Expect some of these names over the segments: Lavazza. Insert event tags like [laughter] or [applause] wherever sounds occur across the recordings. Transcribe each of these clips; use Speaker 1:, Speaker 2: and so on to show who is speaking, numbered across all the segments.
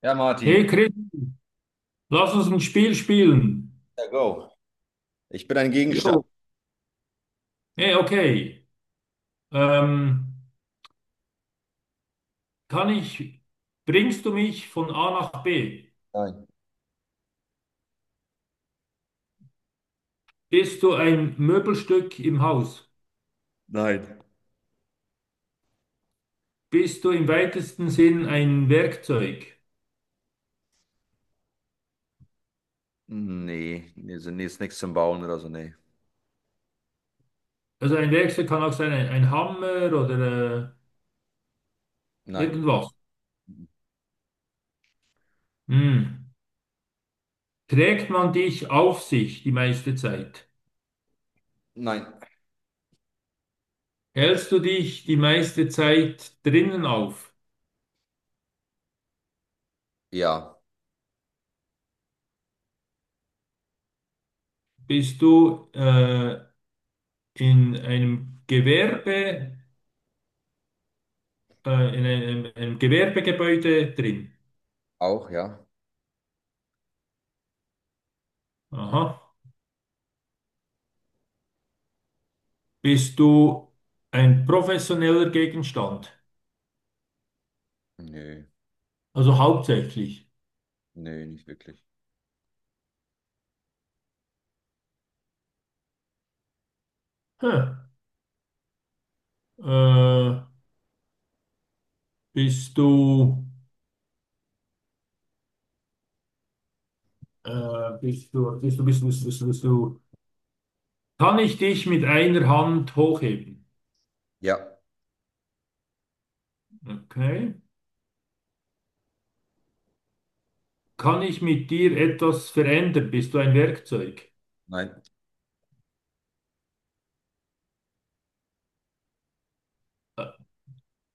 Speaker 1: Ja,
Speaker 2: Hey
Speaker 1: Martin.
Speaker 2: Chris, lass uns ein Spiel spielen.
Speaker 1: Ja, go. Ich bin ein Gegenstand.
Speaker 2: Jo. Hey, okay. Ähm, kann ich, bringst du mich von A nach B?
Speaker 1: Nein.
Speaker 2: Bist du ein Möbelstück im Haus?
Speaker 1: Nein.
Speaker 2: Bist du im weitesten Sinn ein Werkzeug?
Speaker 1: Nee, nee, nee, ist nichts zum Bauen oder so, nee.
Speaker 2: Also ein Werkzeug kann auch sein, ein Hammer oder
Speaker 1: Nein.
Speaker 2: irgendwas. Hm. Trägt man dich auf sich die meiste Zeit?
Speaker 1: Nein.
Speaker 2: Hältst du dich die meiste Zeit drinnen auf?
Speaker 1: Ja,
Speaker 2: Bist du in einem Gewerbe, in einem Gewerbegebäude drin.
Speaker 1: auch, ja.
Speaker 2: Aha. Bist du ein professioneller Gegenstand?
Speaker 1: Nee,
Speaker 2: Also hauptsächlich.
Speaker 1: nee, nicht wirklich.
Speaker 2: Hm. Äh, bist du, bist du, bist du, bist du, bist du, bist du, bist du. Kann ich dich mit einer Hand hochheben?
Speaker 1: Ja,
Speaker 2: Okay. Kann ich mit dir etwas verändern? Bist du ein Werkzeug?
Speaker 1: nein.
Speaker 2: Äh,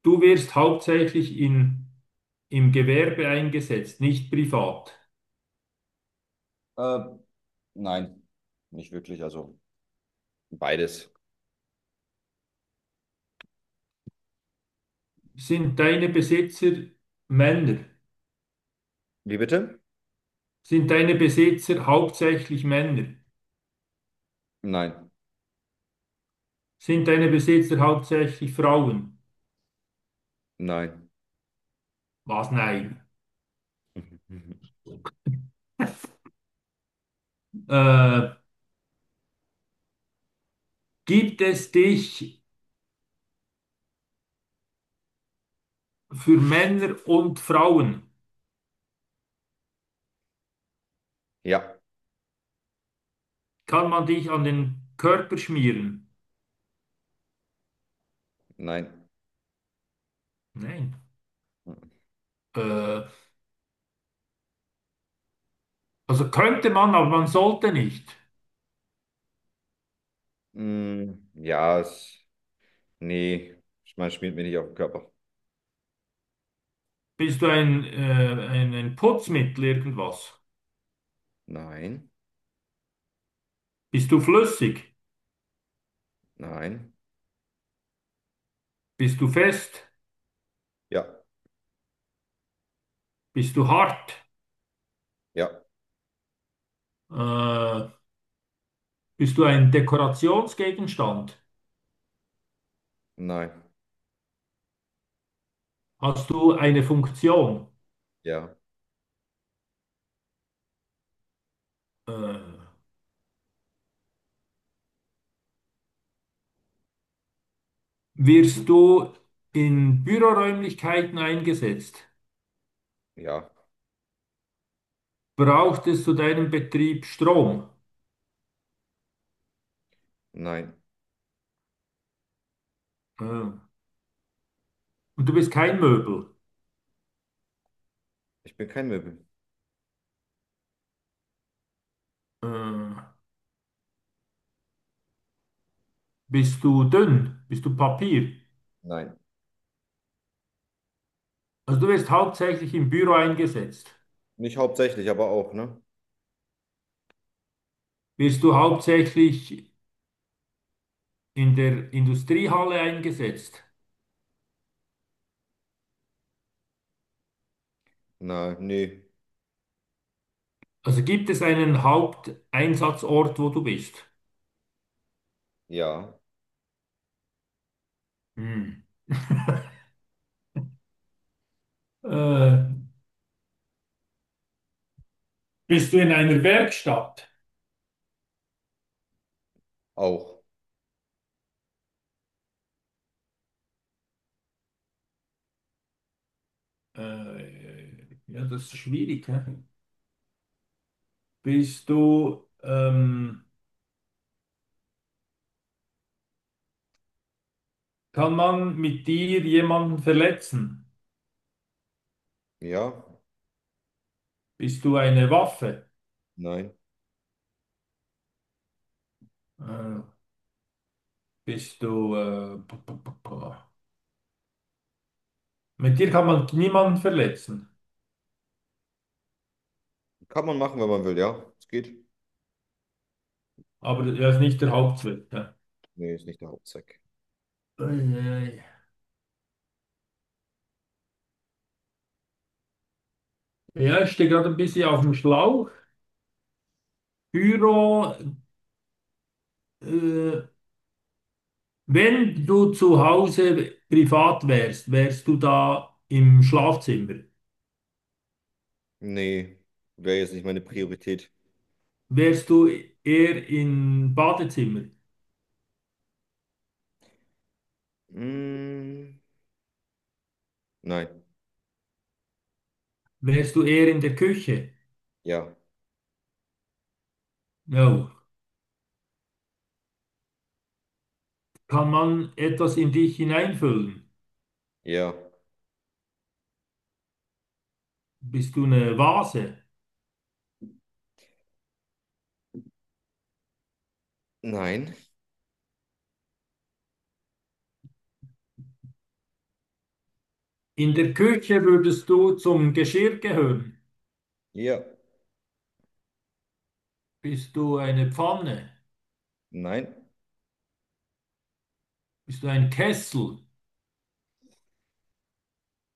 Speaker 2: Du wirst hauptsächlich im Gewerbe eingesetzt, nicht privat.
Speaker 1: Äh, nein. Nicht wirklich. Also beides.
Speaker 2: Sind deine Besitzer Männer?
Speaker 1: Wie bitte?
Speaker 2: Sind deine Besitzer hauptsächlich Männer?
Speaker 1: Nein,
Speaker 2: Sind deine Besitzer hauptsächlich Frauen?
Speaker 1: nein.
Speaker 2: Was? Nein.
Speaker 1: [laughs]
Speaker 2: Äh, gibt es dich für Männer und Frauen?
Speaker 1: Ja,
Speaker 2: Kann man dich an den Körper schmieren?
Speaker 1: nein.
Speaker 2: Nein. Äh, also könnte man, aber man sollte nicht.
Speaker 1: Ja, nee, ich meine, schmiert mir nicht auf den Körper.
Speaker 2: Bist du ein Putzmittel irgendwas?
Speaker 1: Nein,
Speaker 2: Bist du flüssig?
Speaker 1: nein.
Speaker 2: Bist du fest?
Speaker 1: Ja,
Speaker 2: Bist du hart?
Speaker 1: ja,
Speaker 2: Äh, Bist du ein Dekorationsgegenstand?
Speaker 1: nein.
Speaker 2: Hast du eine Funktion?
Speaker 1: Ja.
Speaker 2: Äh, wirst du in Büroräumlichkeiten eingesetzt?
Speaker 1: Ja,
Speaker 2: Braucht es zu deinem Betrieb Strom?
Speaker 1: nein.
Speaker 2: Und du bist kein Möbel?
Speaker 1: Ich bin kein Möbel.
Speaker 2: Äh, bist du dünn? Bist du Papier?
Speaker 1: Nein.
Speaker 2: Also du wirst hauptsächlich im Büro eingesetzt.
Speaker 1: Nicht hauptsächlich, aber auch, ne?
Speaker 2: Wirst du hauptsächlich in der Industriehalle eingesetzt?
Speaker 1: Nein, nee.
Speaker 2: Also gibt es einen Haupteinsatzort, wo du bist?
Speaker 1: Ja,
Speaker 2: Hm. Äh, Bist du in einer Werkstatt?
Speaker 1: auch.
Speaker 2: Ja, das ist schwierig. Hä? Bist du, kann man mit dir jemanden verletzen?
Speaker 1: Ja,
Speaker 2: Bist du eine Waffe?
Speaker 1: nein.
Speaker 2: Äh, bist du, p- p- p- p- mit dir kann man niemanden verletzen,
Speaker 1: Kann man machen, wenn man will, ja. Es geht.
Speaker 2: aber das ist nicht der Hauptzweck. Ja,
Speaker 1: Nee, ist nicht der Hauptzweck.
Speaker 2: eieiei. Ja, ich stehe gerade ein bisschen auf dem Schlauch. Pyro, äh, wenn du zu Hause privat wärst, wärst du da im Schlafzimmer?
Speaker 1: Nee, wäre jetzt nicht meine Priorität.
Speaker 2: Wärst du eher im Badezimmer?
Speaker 1: Mm, nein.
Speaker 2: Wärst du eher in der Küche?
Speaker 1: Ja.
Speaker 2: No. Kann man etwas in dich hineinfüllen?
Speaker 1: Ja.
Speaker 2: Bist du eine Vase?
Speaker 1: Nein.
Speaker 2: In der Küche würdest du zum Geschirr gehören.
Speaker 1: Ja.
Speaker 2: Bist du eine Pfanne?
Speaker 1: Nein.
Speaker 2: Bist du ein Kessel?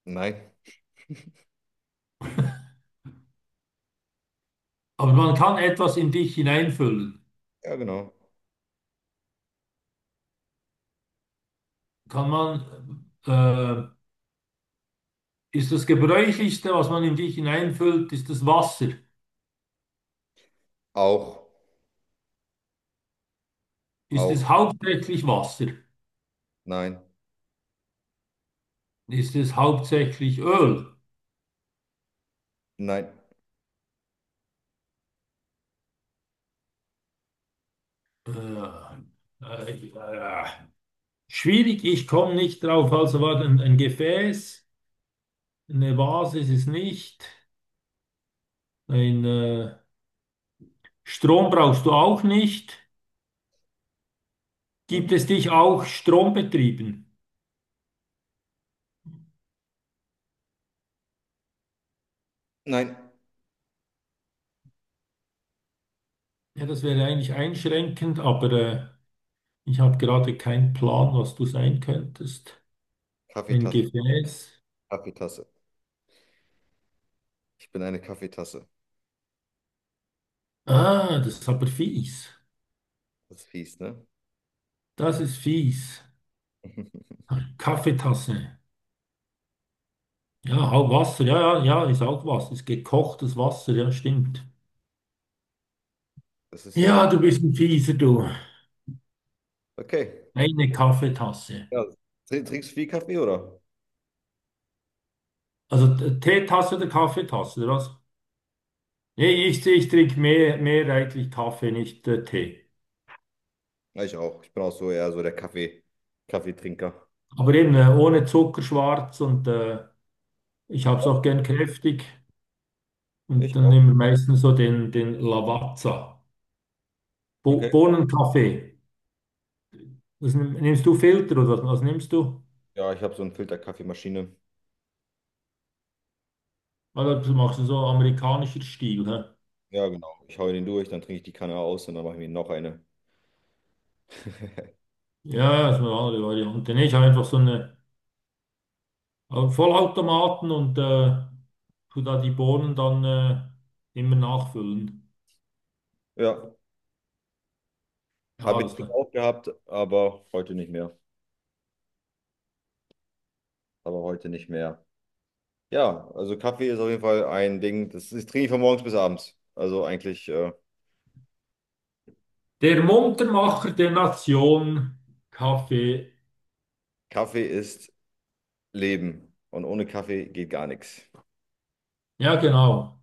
Speaker 1: Nein.
Speaker 2: Aber man kann etwas in dich hineinfüllen.
Speaker 1: Ja, genau.
Speaker 2: Kann man, ist das Gebräuchlichste, was man in dich hineinfüllt, ist das Wasser?
Speaker 1: Auch.
Speaker 2: Ist es
Speaker 1: Auch.
Speaker 2: hauptsächlich Wasser?
Speaker 1: Nein.
Speaker 2: Ist es hauptsächlich Öl?
Speaker 1: Nein.
Speaker 2: Äh, äh, äh, schwierig, ich komme nicht drauf. Also war ein Gefäß, eine Vase ist es nicht, ein Strom brauchst du auch nicht.
Speaker 1: Mm,
Speaker 2: Gibt
Speaker 1: mm.
Speaker 2: es dich auch strombetrieben?
Speaker 1: Nein.
Speaker 2: Ja, das wäre eigentlich einschränkend, aber ich habe gerade keinen Plan, was du sein könntest. Ein
Speaker 1: Kaffeetasse.
Speaker 2: Gefäß.
Speaker 1: Kaffeetasse. Ich bin eine Kaffeetasse.
Speaker 2: Ah, das ist aber fies.
Speaker 1: Das ist fies, ne?
Speaker 2: Das ist fies. Kaffeetasse. Ja, auch Wasser, ja, ja, ja, ist auch Wasser. Ist gekochtes Wasser, ja, stimmt.
Speaker 1: Das ist ja,
Speaker 2: Ja, du bist ein Fieser, du.
Speaker 1: okay.
Speaker 2: Eine Kaffeetasse.
Speaker 1: Ja, trinkst du viel Kaffee, oder?
Speaker 2: Also Teetasse oder Kaffeetasse, oder was? Nee, ich trinke mehrheitlich Kaffee, nicht Tee.
Speaker 1: Ja, ich auch. Ich bin auch so eher so der Kaffeetrinker.
Speaker 2: Aber eben ohne Zucker schwarz und ich habe es auch gern kräftig. Und
Speaker 1: Ich
Speaker 2: dann
Speaker 1: auch.
Speaker 2: nehmen wir meistens so den Lavazza. Bo
Speaker 1: Okay.
Speaker 2: Bohnenkaffee. Das nimmst du Filter oder was, was nimmst du?
Speaker 1: Ja, ich habe so eine Filterkaffeemaschine.
Speaker 2: Weil das machst du so amerikanischer Stil, hä?
Speaker 1: Ja, genau. Ich hau den durch, dann trinke ich die Kanne aus und dann mache ich mir noch eine. [laughs]
Speaker 2: Ja, das ist eine andere Variante. Nee, ich habe einfach so eine Vollautomaten und tu da die Bohnen dann immer nachfüllen.
Speaker 1: Ja,
Speaker 2: Ja,
Speaker 1: habe ich
Speaker 2: das
Speaker 1: früher
Speaker 2: klar.
Speaker 1: auch gehabt, aber heute nicht mehr. Aber heute nicht mehr. Ja, also Kaffee ist auf jeden Fall ein Ding, das, das trinke ich von morgens bis abends. Also eigentlich,
Speaker 2: Der Muntermacher der Nation, Kaffee.
Speaker 1: Kaffee ist Leben und ohne Kaffee geht gar nichts.
Speaker 2: Ja, genau.